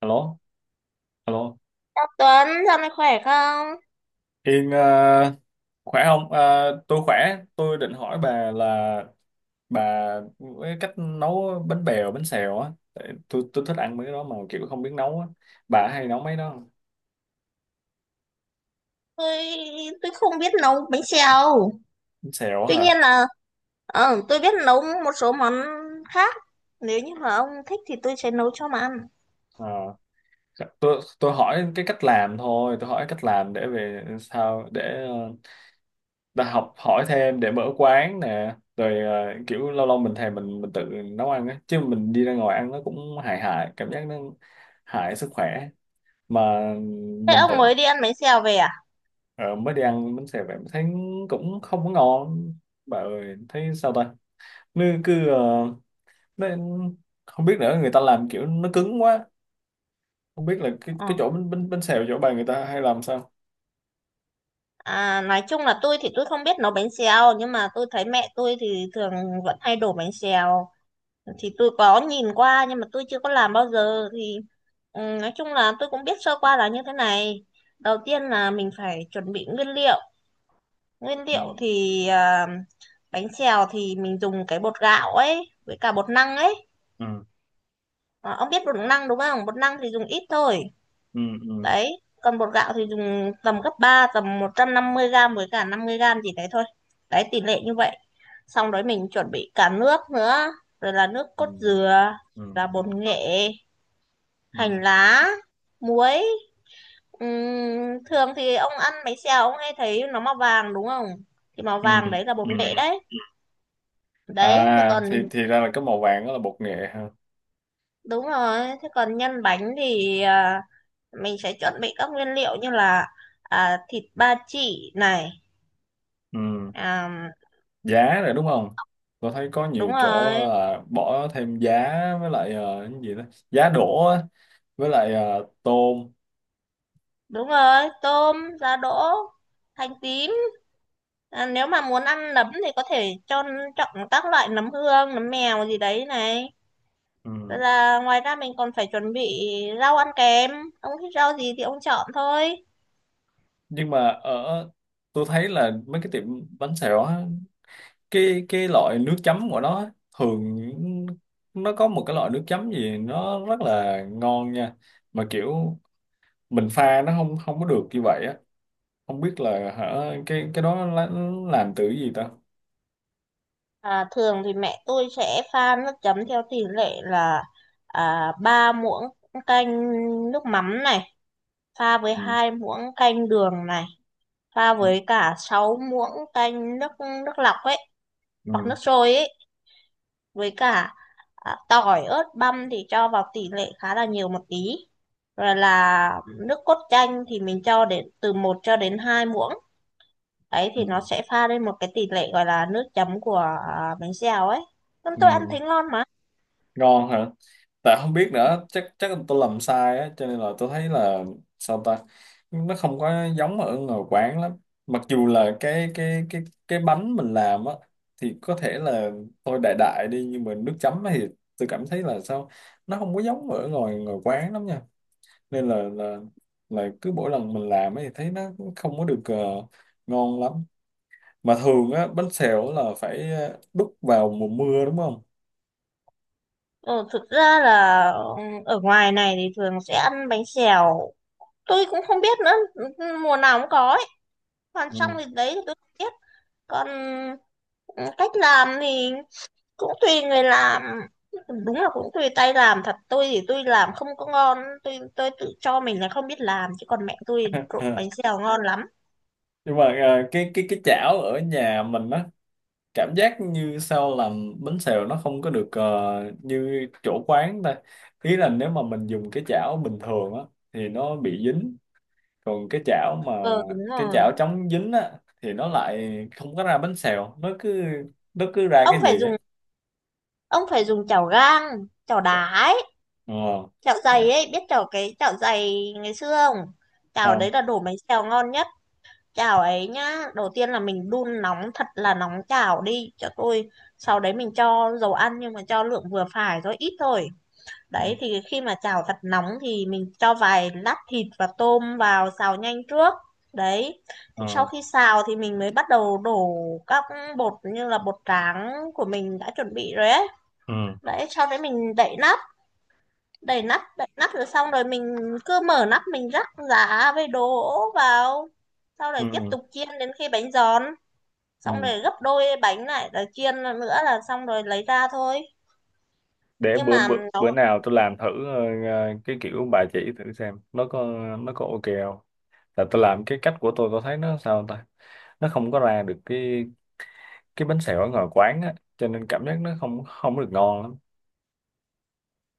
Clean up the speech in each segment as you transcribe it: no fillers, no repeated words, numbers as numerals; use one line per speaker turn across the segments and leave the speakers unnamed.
Alo, alo.
Tuấn, dạo này khỏe không?
Yên, khỏe không? Ờ, tôi khỏe. Tôi định hỏi bà là bà cái cách nấu bánh bèo, bánh xèo á. Tại tôi thích ăn mấy cái đó mà kiểu không biết nấu á. Bà hay nấu mấy đó không?
Tôi tôi không biết nấu bánh xèo.
Bánh xèo á
Tuy
hả?
nhiên là tôi biết nấu một số món khác. Nếu như mà ông thích thì tôi sẽ nấu cho mà ăn.
Ờ, tôi hỏi cái cách làm thôi. Tôi hỏi cách làm để về sao để, ta học hỏi thêm để mở quán nè. Rồi, kiểu lâu lâu mình thèm, mình tự nấu ăn á. Chứ mình đi ra ngoài ăn nó cũng hại hại, cảm giác nó hại sức khỏe. Mà
Thế
mình tự...
ông mới đi ăn bánh xèo về à?
ờ, mới đi ăn bánh xèo vậy mà thấy cũng không có ngon, bà ơi. Thấy sao ta, nó cứ, nó... không biết nữa, người ta làm kiểu nó cứng quá, không biết là cái
Ờ.
cái chỗ bánh bánh bánh xèo chỗ bà người ta hay làm sao.
À, nói chung là tôi thì tôi không biết nấu bánh xèo, nhưng mà tôi thấy mẹ tôi thì thường vẫn hay đổ bánh xèo, thì tôi có nhìn qua nhưng mà tôi chưa có làm bao giờ, thì nói chung là tôi cũng biết sơ qua là như thế này. Đầu tiên là mình phải chuẩn bị nguyên liệu. Nguyên
Ừ,
liệu thì bánh xèo thì mình dùng cái bột gạo ấy với cả bột năng ấy.
ừ,
À, ông biết bột năng đúng không? Bột năng thì dùng ít thôi.
ừ,
Đấy, còn bột gạo thì dùng tầm gấp ba, tầm 150 gram với cả 50 gram gì đấy thôi. Đấy, tỷ lệ như vậy. Xong đấy mình chuẩn bị cả nước nữa, rồi là nước
ừ,
cốt dừa,
ừ,
là
ừ,
bột nghệ, hành
ừ,
lá, muối. Thường thì ông ăn bánh xèo ông hay thấy nó màu vàng đúng không? Thì màu
ừ,
vàng
ừ,
đấy là bột nghệ
ừ.
đấy. Đấy, thì
À,
còn.
thì ra là cái màu vàng đó là bột nghệ ha.
Đúng rồi, thế còn nhân bánh thì mình sẽ chuẩn bị các nguyên liệu như là thịt ba chỉ này,
Ừ,
à,
giá rồi đúng không? Tôi thấy có
đúng
nhiều
rồi,
chỗ là bỏ thêm giá, với lại, cái gì đó, giá đỗ á, với lại, tôm.
đúng rồi, tôm, giá đỗ, hành tím. À, nếu mà muốn ăn nấm thì có thể cho chọn các loại nấm hương, nấm mèo gì đấy này. Rồi
Ừ.
là ngoài ra mình còn phải chuẩn bị rau ăn kèm, ông thích rau gì thì ông chọn thôi.
Nhưng mà ở... tôi thấy là mấy cái tiệm bánh xèo á, cái loại nước chấm của nó á, thường nó có một cái loại nước chấm gì nó rất là ngon nha, mà kiểu mình pha nó không không có được như vậy á. Không biết là, hả, cái đó nó làm từ cái gì ta.
À, thường thì mẹ tôi sẽ pha nước chấm theo tỷ lệ là 3 muỗng canh nước mắm này, pha với
Ừ.
2 muỗng canh đường này, pha với cả 6 muỗng canh nước, lọc ấy, hoặc
Ừ.
nước sôi ấy, với cả tỏi, ớt, băm thì cho vào tỷ lệ khá là nhiều một tí. Rồi là nước cốt chanh thì mình cho đến từ 1 cho đến 2 muỗng. Đấy
Ừ.
thì nó sẽ pha lên một cái tỷ lệ gọi là nước chấm của bánh xèo ấy. Nên tôi ăn
Ừ.
thấy ngon mà.
Ngon hả? Tại không biết nữa, chắc chắc là tôi làm sai á, cho nên là tôi thấy là sao ta, nó không có giống ở ngoài quán lắm. Mặc dù là cái bánh mình làm á thì có thể là tôi đại đại đi, nhưng mà nước chấm thì tôi cảm thấy là sao, nó không có giống ở ngoài ngoài quán lắm nha. Nên là cứ mỗi lần mình làm ấy thì thấy nó cũng không có được, ngon lắm. Mà thường á, bánh xèo là phải, đút vào mùa mưa đúng không?
Ờ, thực ra là ở ngoài này thì thường sẽ ăn bánh xèo, tôi cũng không biết nữa, mùa nào cũng có ấy. Còn xong
Ừ.
thì đấy thì tôi không biết. Còn ừ, cách làm thì cũng tùy người làm. Đúng là cũng tùy tay làm thật. Tôi thì tôi làm không có ngon, tôi tự cho mình là không biết làm, chứ còn mẹ tôi trộn bánh xèo ngon lắm.
Nhưng mà, à, cái chảo ở nhà mình á, cảm giác như sao làm bánh xèo nó không có được, như chỗ quán ta. Ý là nếu mà mình dùng cái chảo bình thường á thì nó bị dính, còn
Ờ Đúng
cái
rồi,
chảo chống dính á thì nó lại không có ra bánh xèo, nó cứ ra
ông
cái
phải
gì á.
dùng ông phải dùng chảo gang, chảo đá ấy,
Ờ.
chảo dày
Dạ.
ấy. Biết cái chảo dày ngày xưa không? Chảo đấy
Không.
là đổ bánh xèo ngon nhất. Chảo ấy nhá, đầu tiên là mình đun nóng thật là nóng chảo đi cho tôi. Sau đấy mình cho dầu ăn, nhưng mà cho lượng vừa phải, rồi ít thôi. Đấy
Ừ.
thì khi mà chảo thật nóng thì mình cho vài lát thịt và tôm vào xào nhanh trước. Đấy, thì sau
Ờ,
khi xào thì mình mới bắt đầu đổ các bột, như là bột tráng của mình đã chuẩn bị rồi ấy.
ừ,
Đấy, sau đấy mình đậy nắp, đậy nắp, đậy nắp rồi, xong rồi mình cứ mở nắp mình rắc giá với đổ vào. Sau
ừ,
đấy tiếp
ừ,
tục chiên đến khi bánh giòn, xong
ừ.
rồi gấp đôi bánh lại rồi chiên nữa là xong, rồi lấy ra thôi.
Để
Nhưng
bữa
mà
bữa bữa
nó.
nào tôi làm thử. ờ, cái kiểu bà chỉ thử xem nó có ok không. Là tôi làm cái cách của tôi thấy nó sao ta, nó không có ra được cái bánh xèo ở ngoài quán á, cho nên cảm giác nó không không được ngon lắm.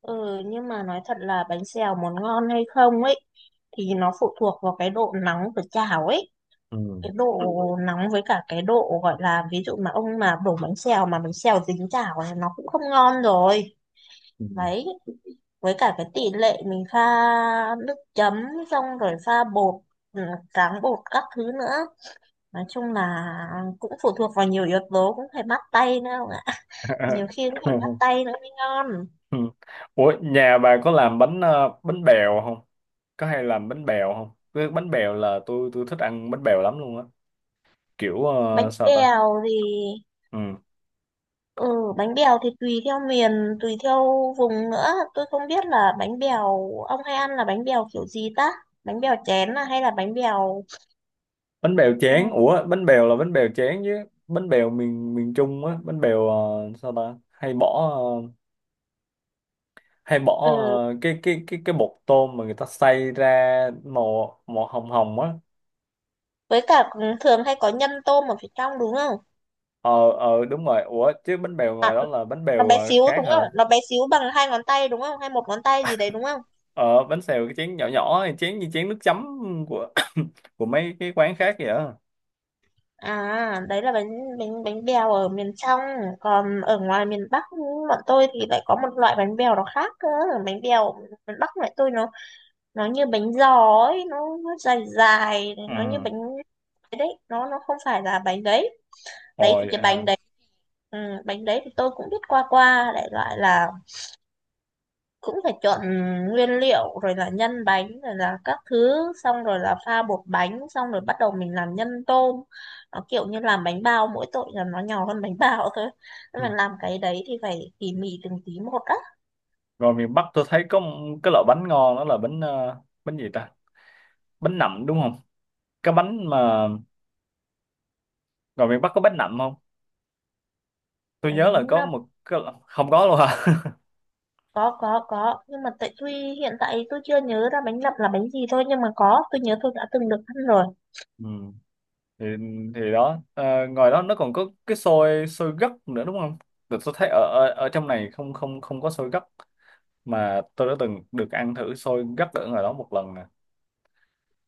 Ừ nhưng mà nói thật là bánh xèo muốn ngon hay không ấy thì nó phụ thuộc vào cái độ nóng của chảo ấy.
Ừ.
Cái độ nóng, với cả cái độ gọi là, ví dụ mà ông mà đổ bánh xèo mà bánh xèo dính chảo là nó cũng không ngon rồi.
Ừ.
Đấy, với cả cái tỷ lệ mình pha nước chấm, xong rồi pha bột, ừ, tráng bột các thứ nữa. Nói chung là cũng phụ thuộc vào nhiều yếu tố, cũng phải bắt tay nữa ông ạ. Nhiều khi cũng phải bắt tay nữa mới ngon.
Ủa, nhà bà có làm bánh bèo không? Có hay làm bánh bèo không? Cái bánh bèo là tôi thích ăn bánh bèo lắm luôn á, kiểu,
Bánh
sao ta.
bèo thì
Ừ.
tùy theo miền, tùy theo vùng nữa. Tôi không biết là bánh bèo ông hay ăn là bánh bèo kiểu gì ta? Bánh bèo chén à, hay là bánh bèo?
Bánh bèo
Ừ,
chén. Ủa bánh bèo là bánh bèo chén chứ. Bánh bèo miền miền Trung á, bánh bèo, sao ta, ờ, hay bỏ
ừ,
ờ, cái bột tôm mà người ta xay ra màu màu hồng hồng á.
với cả thường hay có nhân tôm ở phía trong đúng không?
Ờ, ờ, đúng rồi. Ủa chứ bánh bèo
À,
ngoài đó là bánh
nó
bèo,
bé xíu
khác
đúng không?
hả?
Nó bé xíu bằng hai ngón tay đúng không, hay một ngón tay gì đấy đúng không?
Ờ, bánh xèo cái chén nhỏ nhỏ này, chén như chén nước chấm của của mấy cái quán khác vậy á.
À, đấy là bánh bánh bánh bèo ở miền trong, còn ở ngoài miền Bắc bọn tôi thì lại có một loại bánh bèo nó khác cơ. Bánh bèo miền Bắc loại tôi, nó như bánh giò ấy, nó, dài dài, nó như
Ừ.
bánh cái đấy, nó không phải là bánh đấy. Đấy thì
Rồi,
cái bánh đấy, ừ, bánh đấy thì tôi cũng biết qua qua, đại loại là cũng phải chọn nguyên liệu rồi là nhân bánh rồi là các thứ, xong rồi là pha bột bánh, xong rồi bắt đầu mình làm nhân tôm. Nó kiểu như làm bánh bao, mỗi tội là nó nhỏ hơn bánh bao thôi. Nhưng mà
ừ.
làm cái đấy thì phải tỉ mỉ từng tí một á.
Rồi miền Bắc tôi thấy có một cái loại bánh ngon đó là bánh gì ta, bánh nậm đúng không? Cái bánh mà... rồi miền Bắc có bánh nậm không? Tôi
Bánh
nhớ là có
nậm?
một cái... không có luôn hả?
Có, nhưng mà tại tuy hiện tại tôi chưa nhớ ra bánh nậm là bánh gì thôi, nhưng mà có, tôi nhớ tôi đã từng được ăn rồi.
Ừ. thì thì đó, à, ngoài đó nó còn có cái xôi xôi gấc nữa đúng không? Được, tôi thấy ở, ở ở trong này không không không có xôi gấc, mà tôi đã từng được ăn thử xôi gấc ở ngoài đó một lần nè.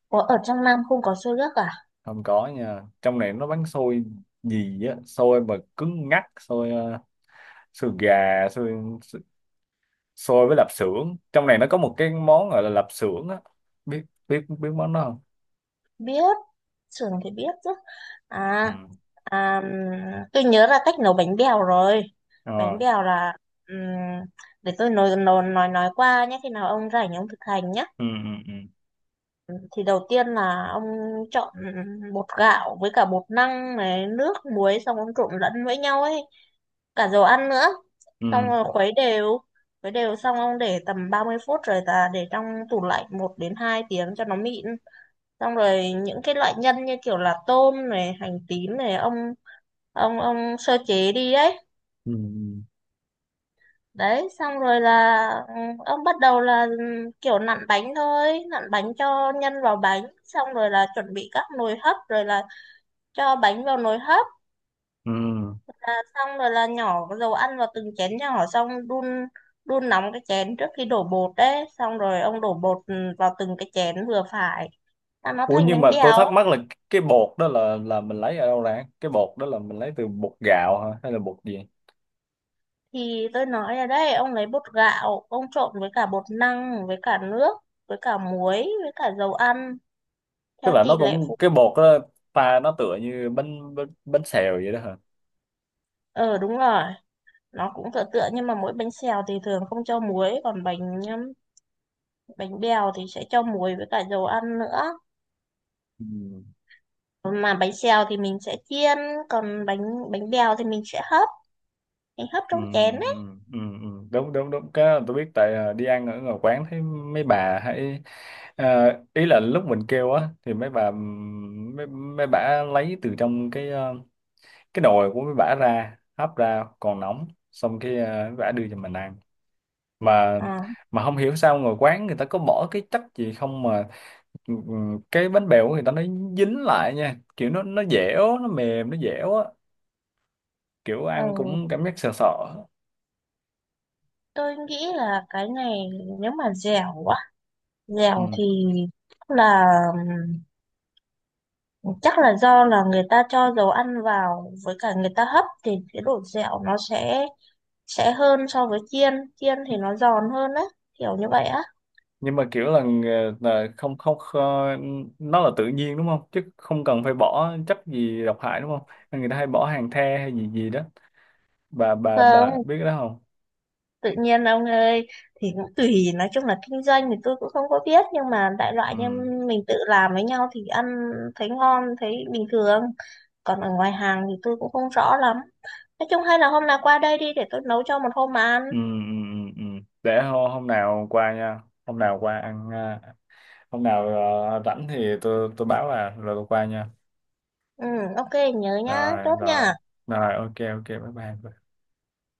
Có, ở trong Nam không có xôi gấc à?
Không có nha. Trong này nó bán xôi gì á, xôi mà cứng ngắc, xôi, xôi gà, xôi xôi với lạp xưởng. Trong này nó có một cái món gọi là lạp xưởng á, biết biết biết món đó không?
Biết, sườn thì biết chứ. à,
Ừ.
à tôi nhớ là cách nấu bánh bèo rồi. Bánh
Ờ.
bèo là, ừm, để tôi nói qua nhé, khi nào ông rảnh ông thực hành nhé.
Ừ, ừ, ừ,
Thì đầu tiên là ông chọn bột gạo với cả bột năng này, nước muối, xong ông trộn lẫn với nhau ấy, cả dầu ăn nữa.
ừ,
Xong rồi khuấy đều, khuấy đều xong ông để tầm 30 phút, rồi ta để trong tủ lạnh 1 đến 2 tiếng cho nó mịn. Xong rồi những cái loại nhân như kiểu là tôm này, hành tím này, ông sơ chế đi ấy.
ừ,
Đấy, xong rồi là ông bắt đầu là kiểu nặn bánh thôi, nặn bánh cho nhân vào bánh, xong rồi là chuẩn bị các nồi hấp, rồi là cho bánh vào nồi hấp.
ừ, ừ.
Xong rồi là nhỏ cái dầu ăn vào từng chén nhỏ, xong đun, đun nóng cái chén trước khi đổ bột. Đấy, xong rồi ông đổ bột vào từng cái chén vừa phải, là nó
Ủa
thành
nhưng
bánh
mà tôi
bèo.
thắc mắc là cái bột đó là mình lấy ở đâu ra? Cái bột đó là mình lấy từ bột gạo hả hay là bột gì?
Thì tôi nói ở đây, ông lấy bột gạo, ông trộn với cả bột năng, với cả nước, với cả muối, với cả dầu ăn,
Tức
theo
là nó
tỷ lệ
cũng
phụ.
cái bột đó pha, nó tựa như bánh bánh, bánh xèo vậy đó hả?
Ờ Đúng rồi, nó cũng tựa tựa, nhưng mà mỗi bánh xèo thì thường không cho muối, còn bánh bánh bèo thì sẽ cho muối với cả dầu ăn nữa.
Ừ.
Mà bánh xèo thì mình sẽ chiên, còn bánh bánh bèo thì mình sẽ hấp, mình hấp
Ừ,
trong chén
ừ,
ấy.
ừ, ừ. Đúng đúng đúng, cái đó tôi biết. Tại à, đi ăn ở ngoài quán thấy mấy bà hay, à, ý là lúc mình kêu á thì mấy bà, mấy bà lấy từ trong cái, cái nồi của mấy bà ra hấp, ra còn nóng, xong cái, mấy bà đưa cho mình ăn. mà
Ờ,
mà không hiểu sao ngồi quán người ta có bỏ cái chất gì không, mà ừ, ừ, cái bánh bèo của người ta nó dính lại nha, kiểu nó dẻo, nó mềm, nó dẻo á, kiểu
ờ,
ăn cũng cảm giác sợ sợ.
tôi nghĩ là cái này, nếu mà dẻo quá,
Ừ.
dẻo thì là um, chắc là do là người ta cho dầu ăn vào, với cả người ta hấp thì cái độ dẻo nó sẽ hơn so với chiên. Chiên thì nó giòn hơn á, kiểu như vậy á.
Nhưng mà kiểu là, là không không, nó là tự nhiên đúng không? Chứ không cần phải bỏ chất gì độc hại đúng không? Nên người ta hay bỏ hàng the hay gì gì đó. Bà
Không,
biết cái đó không?
tự nhiên ông ơi. Thì cũng tùy, nói chung là kinh doanh thì tôi cũng không có biết, nhưng mà đại loại như
Ừ.
mình tự làm với nhau thì ăn thấy ngon, thấy bình thường. Còn ở ngoài hàng thì tôi cũng không rõ lắm. Nói chung, hay là hôm nào qua đây đi, để tôi nấu cho một hôm mà ăn.
Ừ, ừ, ừ, ừ. Để hôm nào qua nha. Hôm nào qua ăn, à, hôm nào, rảnh thì tôi báo bà rồi tôi qua nha.
Ừ, ok, nhớ nhá,
Rồi
chốt
rồi
nha.
rồi, ok ok, bye bye.